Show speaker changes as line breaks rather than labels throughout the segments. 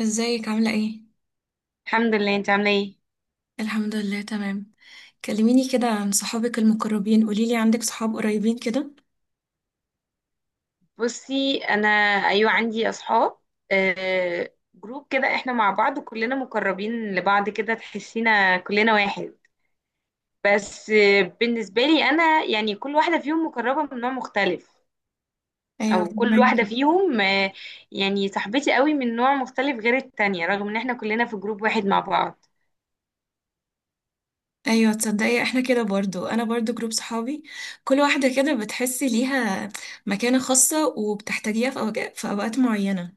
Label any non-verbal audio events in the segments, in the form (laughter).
ازيك عاملة ايه؟
الحمد لله. انت عامله ايه؟
الحمد لله تمام. كلميني كده عن صحابك المقربين، قوليلي عندك صحاب قريبين كده؟
بصي انا، ايوه عندي اصحاب. جروب كده احنا مع بعض وكلنا مقربين لبعض كده، تحسينا كلنا واحد. بس بالنسبه لي انا يعني كل واحده فيهم مقربه من نوع مختلف،
ايوه
او كل
فهمك.
واحده فيهم يعني صاحبتي قوي من نوع مختلف غير التانية، رغم ان احنا كلنا في جروب واحد مع بعض.
ايوه تصدقي احنا كده برضو، انا برضو جروب صحابي كل واحدة كده بتحسي ليها مكانة خاصة وبتحتاجيها في في اوقات معينة.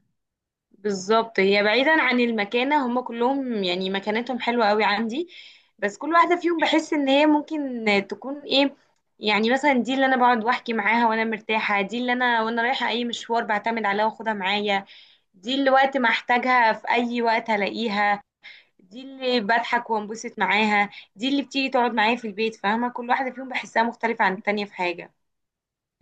بالظبط، هي بعيدا عن المكانة هم كلهم يعني مكانتهم حلوة قوي عندي، بس كل واحدة فيهم بحس ان هي ممكن تكون ايه. يعني مثلا دي اللي انا بقعد واحكي معاها وانا مرتاحة، دي اللي انا وانا رايحة اي مشوار بعتمد عليها واخدها معايا، دي اللي وقت ما احتاجها في اي وقت هلاقيها، دي اللي بضحك وانبسط معاها، دي اللي بتيجي تقعد معايا في البيت. فاهمة، كل واحدة فيهم بحسها مختلفة عن التانية في حاجة.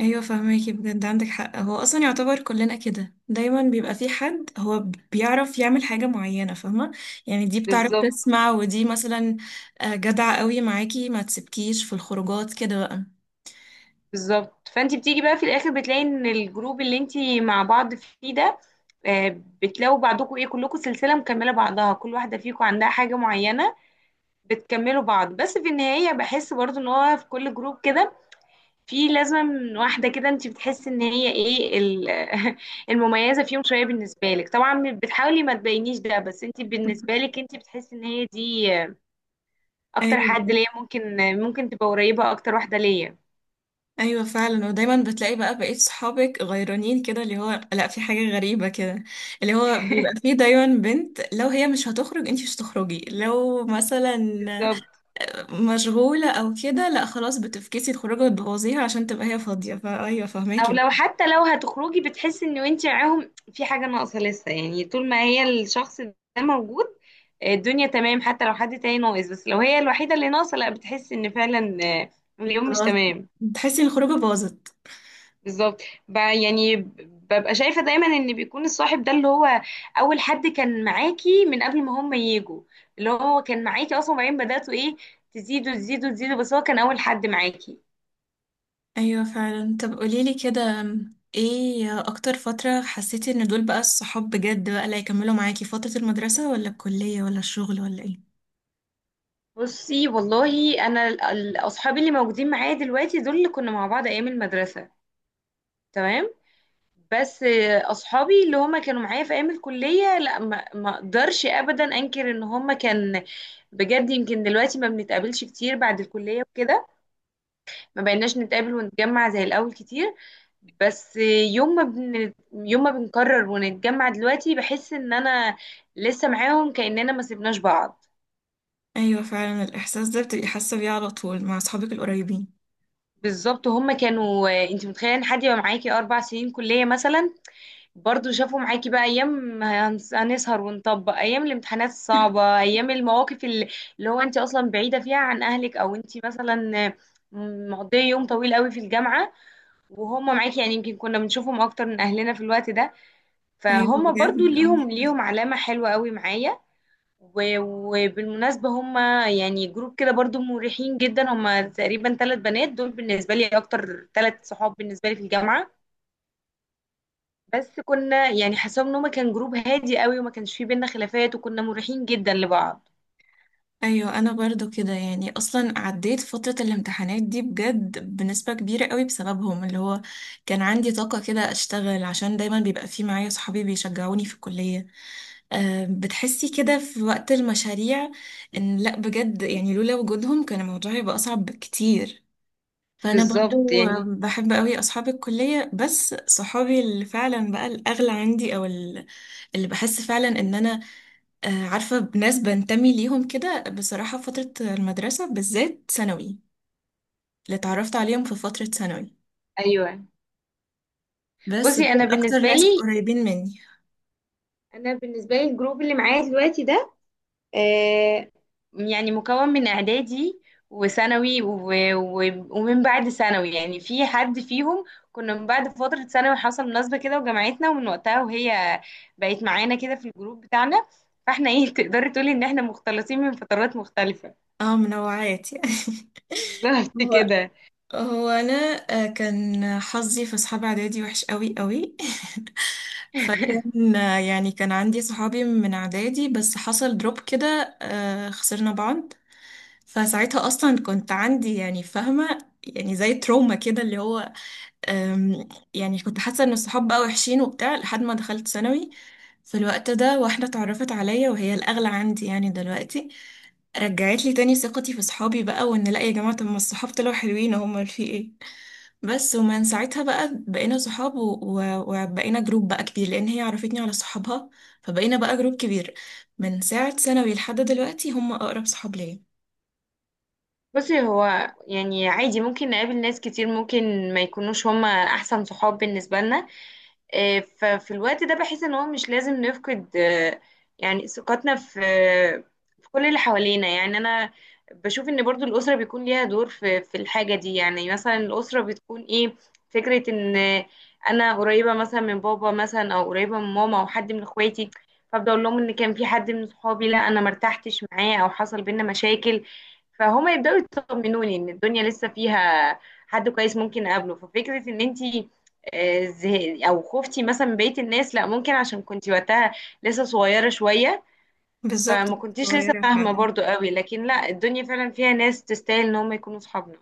ايوه فهماكي بجد عندك حق، هو اصلا يعتبر كلنا كده دايما بيبقى في حد هو بيعرف يعمل حاجه معينه فاهمه، يعني دي بتعرف
بالظبط.
تسمع ودي مثلا جدعه قوي معاكي ما تسيبكيش في الخروجات كده بقى.
بالظبط، فانت بتيجي بقى في الاخر بتلاقي ان الجروب اللي انت مع بعض فيه ده، بتلاقوا بعضكم ايه، كلكم سلسله مكمله بعضها، كل واحده فيكم عندها حاجه معينه، بتكملوا بعض. بس في النهايه بحس برضو ان هو في كل جروب كده في لازم واحده كده انت بتحس ان هي ايه (laughs) المميزه فيهم شويه. بالنسبه لك طبعا بتحاولي ما تبينيش ده، بس انت بالنسبه
(laughs)
لك انت بتحس ان هي دي اكتر حد
ايوه.
ليا، ممكن ممكن تبقى قريبه اكتر واحده ليا.
ايوه فعلا، ودايما بتلاقي بقى بقيت صحابك غيرانين كده، اللي هو لا في حاجه غريبه كده اللي هو بيبقى فيه دايما بنت لو هي مش هتخرج انتي مش هتخرجي، لو مثلا
بالظبط.
مشغولة أو كده لأ خلاص بتفكسي الخروجة وتبوظيها عشان تبقى هي فاضية، فأيوه
او
فهماكي.
لو حتى لو هتخرجي بتحسي ان انت معاهم في حاجه ناقصه لسه، يعني طول ما هي الشخص ده موجود الدنيا تمام. حتى لو حد تاني ناقص بس لو هي الوحيده اللي ناقصه، لا بتحسي ان فعلا اليوم مش
خلاص،
تمام.
بتحسي إن الخروجة باظت.
بالظبط. يعني ببقى شايفه دايما ان بيكون الصاحب ده اللي هو اول حد كان معاكي من قبل ما هم يجوا، اللي هو كان معاكي اصلا، وبعدين بداتوا ايه، تزيدوا تزيدوا تزيدوا، بس هو كان اول حد معاكي.
أيوه فعلا، طب قوليلي كده ايه أكتر فترة حسيتي إن دول بقى الصحاب بجد بقى اللي هيكملوا معاكي، فترة المدرسة ولا الكلية ولا الشغل ولا ايه؟
بصي والله انا اصحابي اللي موجودين معايا دلوقتي دول اللي كنا مع بعض ايام المدرسه، تمام. بس اصحابي اللي هما كانوا معايا في ايام الكليه لا، ما اقدرش ابدا انكر ان هما كان بجد. يمكن دلوقتي ما بنتقابلش كتير بعد الكليه وكده، ما بقيناش نتقابل ونتجمع زي الاول كتير، بس يوم ما بنقرر ونتجمع دلوقتي بحس ان انا لسه معاهم، كاننا ما سيبناش بعض.
أيوه فعلا، الإحساس ده بتبقي حاسة بيه على طول مع أصحابك القريبين.
بالظبط. هم كانوا، انت متخيله ان حد يبقى معاكي اربع سنين كليه مثلا؟ برضو شافوا معاكي بقى ايام هنسهر ونطبق، ايام الامتحانات الصعبه، ايام المواقف اللي هو انت اصلا بعيده فيها عن اهلك، او انت مثلا مقضيه يوم طويل قوي في الجامعه وهم معاكي. يعني يمكن كنا بنشوفهم اكتر من اهلنا في الوقت ده،
أيوه
فهم برضو
بجد اه.
ليهم علامه حلوه قوي معايا. وبالمناسبة هما يعني جروب كده برضو مريحين جدا، هما تقريبا ثلاث بنات دول بالنسبة لي، أكتر ثلاث صحاب بالنسبة لي في الجامعة. بس كنا يعني حسب ان هما كان جروب هادي قوي وما كانش فيه بينا خلافات، وكنا مريحين جدا لبعض.
ايوه انا برضو كده، يعني اصلا عديت فترة الامتحانات دي بجد بنسبة كبيرة قوي بسببهم، اللي هو كان عندي طاقة كده اشتغل عشان دايما بيبقى في معايا صحابي بيشجعوني في الكلية. بتحسي كده في وقت المشاريع ان لا بجد يعني لولا وجودهم كان الموضوع يبقى اصعب بكتير. فانا
بالظبط
برضو
يعني،
بحب قوي اصحاب الكلية، بس صحابي اللي فعلا بقى الاغلى عندي، او اللي بحس فعلا ان انا عارفة بناس بنتمي ليهم كده، بصراحة فترة المدرسة بالذات ثانوي، اللي اتعرفت عليهم في فترة ثانوي
ايوه.
بس
بصي انا
دول أكتر
بالنسبه
ناس
لي،
قريبين مني.
انا بالنسبه لي الجروب اللي معايا دلوقتي ده آه، يعني مكون من اعدادي وثانوي ومن بعد ثانوي، يعني في حد فيهم كنا من بعد فترة ثانوي حصل مناسبة كده وجمعتنا، ومن وقتها وهي بقت معانا كده في الجروب بتاعنا. فاحنا ايه (laughs) تقدري تقولي ان احنا مختلطين من فترات مختلفة.
اه منوعات يعني. (laughs)
بالظبط
هو
كده.
هو أنا كان حظي في أصحاب إعدادي وحش قوي قوي. (laughs) فكان يعني كان عندي صحابي من إعدادي بس حصل دروب كده خسرنا بعض. فساعتها أصلا كنت عندي يعني فاهمة يعني زي تروما كده، اللي هو يعني كنت حاسة ان الصحاب بقى وحشين وبتاع لحد ما دخلت ثانوي. في الوقت ده واحدة اتعرفت عليا وهي الأغلى عندي يعني دلوقتي، رجعت لي تاني ثقتي في صحابي بقى، وان لا يا جماعة طب ما الصحاب طلعوا حلوين هم في ايه. بس ومن ساعتها بقى بقينا صحاب و- و- وبقينا جروب بقى كبير لأن هي عرفتني على صحابها فبقينا بقى جروب كبير. من ساعة ثانوي لحد دلوقتي هم أقرب صحاب ليا.
بصي هو يعني عادي ممكن نقابل ناس كتير ممكن ما يكونوش هما احسن صحاب بالنسبة لنا، ففي الوقت ده بحس ان هو مش لازم نفقد يعني ثقتنا في في كل اللي حوالينا. يعني انا بشوف ان برضو الاسره بيكون ليها دور في في الحاجه دي. يعني مثلا الاسره بتكون ايه، فكره ان انا قريبه مثلا من بابا مثلا، او قريبه من ماما، او حد من اخواتي، فابدا اقول لهم ان كان في حد من صحابي لا انا مرتحتش معاه او حصل بينا مشاكل، فهما يبداوا يطمنوني ان الدنيا لسه فيها حد كويس ممكن اقابله. ففكره ان انتي او خفتي مثلا من بقية الناس لا، ممكن عشان كنتي وقتها لسه صغيرة شوية،
بالظبط.
فما كنتيش لسه
صغيرة.
فاهمة برضو قوي، لكن لا الدنيا فعلا فيها ناس تستاهل ان هم يكونوا صحابنا.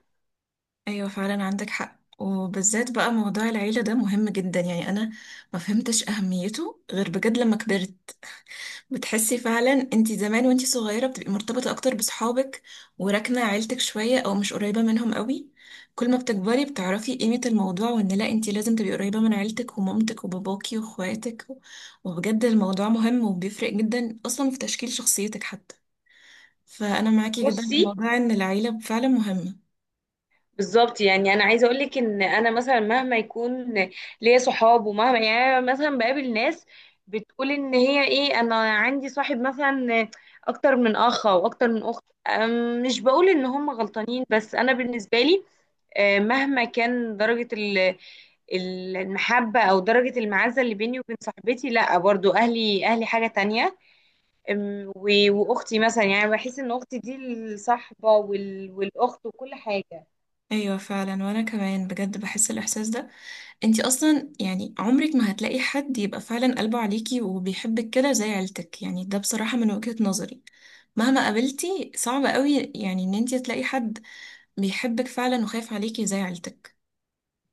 ايوه فعلا عندك حق، وبالذات بقى موضوع العيلة ده مهم جدا، يعني انا ما فهمتش اهميته غير بجد لما كبرت. بتحسي فعلا انتي زمان وانتي صغيرة بتبقي مرتبطة اكتر بصحابك وراكنة عيلتك شوية او مش قريبة منهم قوي. كل ما بتكبري بتعرفي قيمة الموضوع وان لا انتي لازم تبقي قريبة من عيلتك ومامتك وباباكي واخواتك. وبجد الموضوع مهم وبيفرق جدا اصلا في تشكيل شخصيتك حتى. فانا معاكي جدا في
بصي،
موضوع ان العيلة فعلا مهمة.
بالظبط يعني انا عايزه اقول لك ان انا مثلا مهما يكون ليا صحاب، ومهما يعني أنا مثلا بقابل ناس بتقول ان هي ايه، انا عندي صاحب مثلا اكتر من اخ او اكتر من اخت، مش بقول ان هم غلطانين، بس انا بالنسبه لي مهما كان درجة المحبة أو درجة المعزة اللي بيني وبين صاحبتي، لأ، برضو أهلي. أهلي حاجة تانية. وأختي مثلا، يعني بحس إن أختي دي الصاحبة والأخت وكل حاجة.
ايوه فعلا، وانا كمان بجد بحس الاحساس ده. انتي اصلا يعني عمرك ما هتلاقي حد يبقى فعلا قلبه عليكي وبيحبك كده زي عيلتك، يعني ده بصراحة من وجهة نظري مهما قابلتي صعب قوي يعني ان انتي تلاقي حد بيحبك فعلا وخايف عليكي زي عيلتك.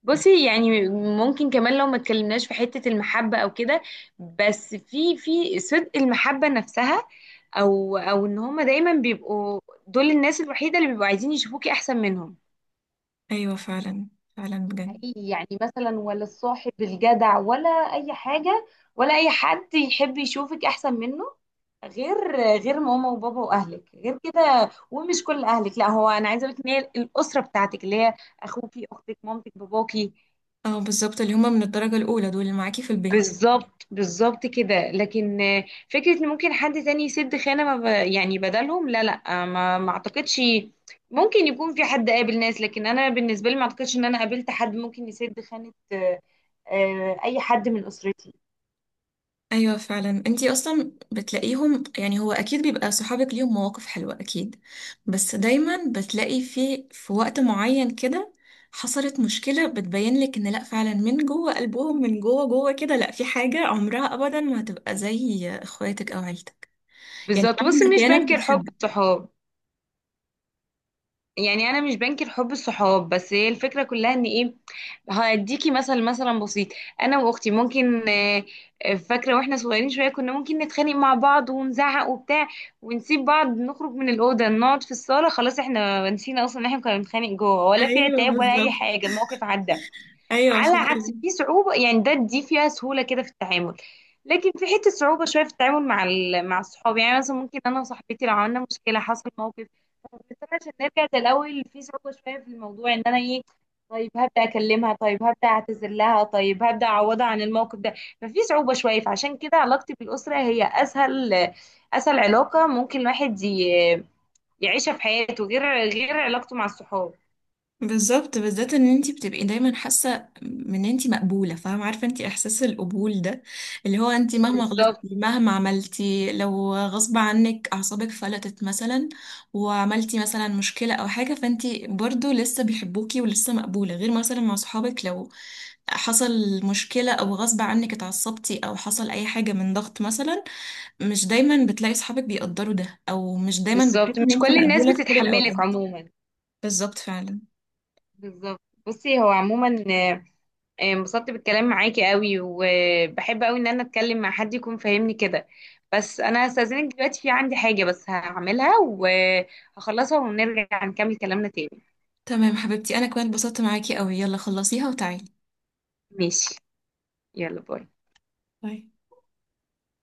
بصي يعني ممكن كمان لو ما اتكلمناش في حتة المحبة أو كده، بس في في صدق المحبة نفسها، أو أو إن هما دايما بيبقوا دول الناس الوحيدة اللي بيبقوا عايزين يشوفوكي أحسن منهم.
ايوه فعلا. فعلا بجد.
حقيقي، يعني مثلا ولا الصاحب الجدع، ولا اي حاجه، ولا اي حد يحب يشوفك احسن منه غير غير ماما وبابا واهلك. غير كده، ومش كل اهلك لا، هو انا عايزه اقول لك ان هي الاسره بتاعتك اللي هي اخوكي، اختك، مامتك، باباكي.
اه بالظبط، اللي هما من الدرجة الاولى دول اللي معاكي في البيت.
بالظبط كده، لكن فكرة ان ممكن حد تاني يسد خانة ما ب... يعني بدلهم، لا ما اعتقدش. ممكن يكون في حد قابل ناس، لكن انا بالنسبة لي ما اعتقدش ان انا قابلت حد ممكن يسد خانة اي حد من اسرتي.
ايوه فعلا، انتي اصلا بتلاقيهم يعني هو اكيد بيبقى صحابك ليهم مواقف حلوه اكيد، بس دايما بتلاقي في وقت معين كده حصلت مشكله بتبين لك ان لا فعلا من جوه قلبهم، من جوه جوه كده لا في حاجه عمرها ابدا ما هتبقى زي اخواتك او عيلتك. يعني
بالظبط، بس
مهما
مش
كانت
بنكر حب
بتحبك.
الصحاب. يعني انا مش بنكر حب الصحاب، بس هي الفكره كلها ان ايه، هديكي مثلا بسيط. انا واختي ممكن فاكره واحنا صغيرين شويه كنا ممكن نتخانق مع بعض ونزعق وبتاع، ونسيب بعض، نخرج من الاوضه، نقعد في الصاله، خلاص احنا نسينا اصلا ان احنا كنا بنتخانق جوه، ولا في
ايوه
عتاب، ولا اي
بالظبط.
حاجه، الموقف عدى.
ايوه
على عكس،
فعلا.
في صعوبة، يعني ده دي فيها سهولة كده في التعامل، لكن في حتة صعوبة شوية في التعامل مع مع الصحاب. يعني مثلا ممكن أنا وصاحبتي لو عملنا مشكلة حصل موقف، بس أنا عشان نرجع زي الأول في صعوبة شوية في الموضوع، إن أنا إيه، طيب هبدأ أكلمها، طيب هبدأ أعتذر لها، طيب هبدأ أعوضها عن الموقف ده، ففي صعوبة شوية. فعشان كده علاقتي بالأسرة هي أسهل، أسهل علاقة ممكن الواحد يعيشها في حياته غير غير علاقته مع الصحاب.
بالظبط، بالذات ان انت بتبقي دايما حاسه ان انت مقبوله، فاهمه عارفه انت احساس القبول ده، اللي هو انت مهما غلطتي
بالظبط.
مهما عملتي لو غصب عنك اعصابك فلتت مثلا وعملتي مثلا مشكله او حاجه، فانت برضو لسه بيحبوكي ولسه مقبوله، غير مثلا مع صحابك لو حصل مشكله او غصب عنك اتعصبتي او حصل اي حاجه من ضغط مثلا، مش دايما بتلاقي صحابك بيقدروا ده او مش دايما بتحسي
بالظبط،
ان
مش
انت
كل الناس
مقبوله في كل الاوقات.
بتتحملك عموما.
بالظبط فعلا.
بالظبط. بصي هو عموما انبسطت بالكلام معاكي قوي، وبحب قوي ان انا اتكلم مع حد يكون فاهمني كده، بس انا هستأذنك دلوقتي، في عندي حاجة بس هعملها وهخلصها ونرجع نكمل كلامنا تاني.
تمام حبيبتي، انا كمان اتبسطت معاكي قوي، يلا خلصيها وتعالي.
ماشي، يلا باي.
باي.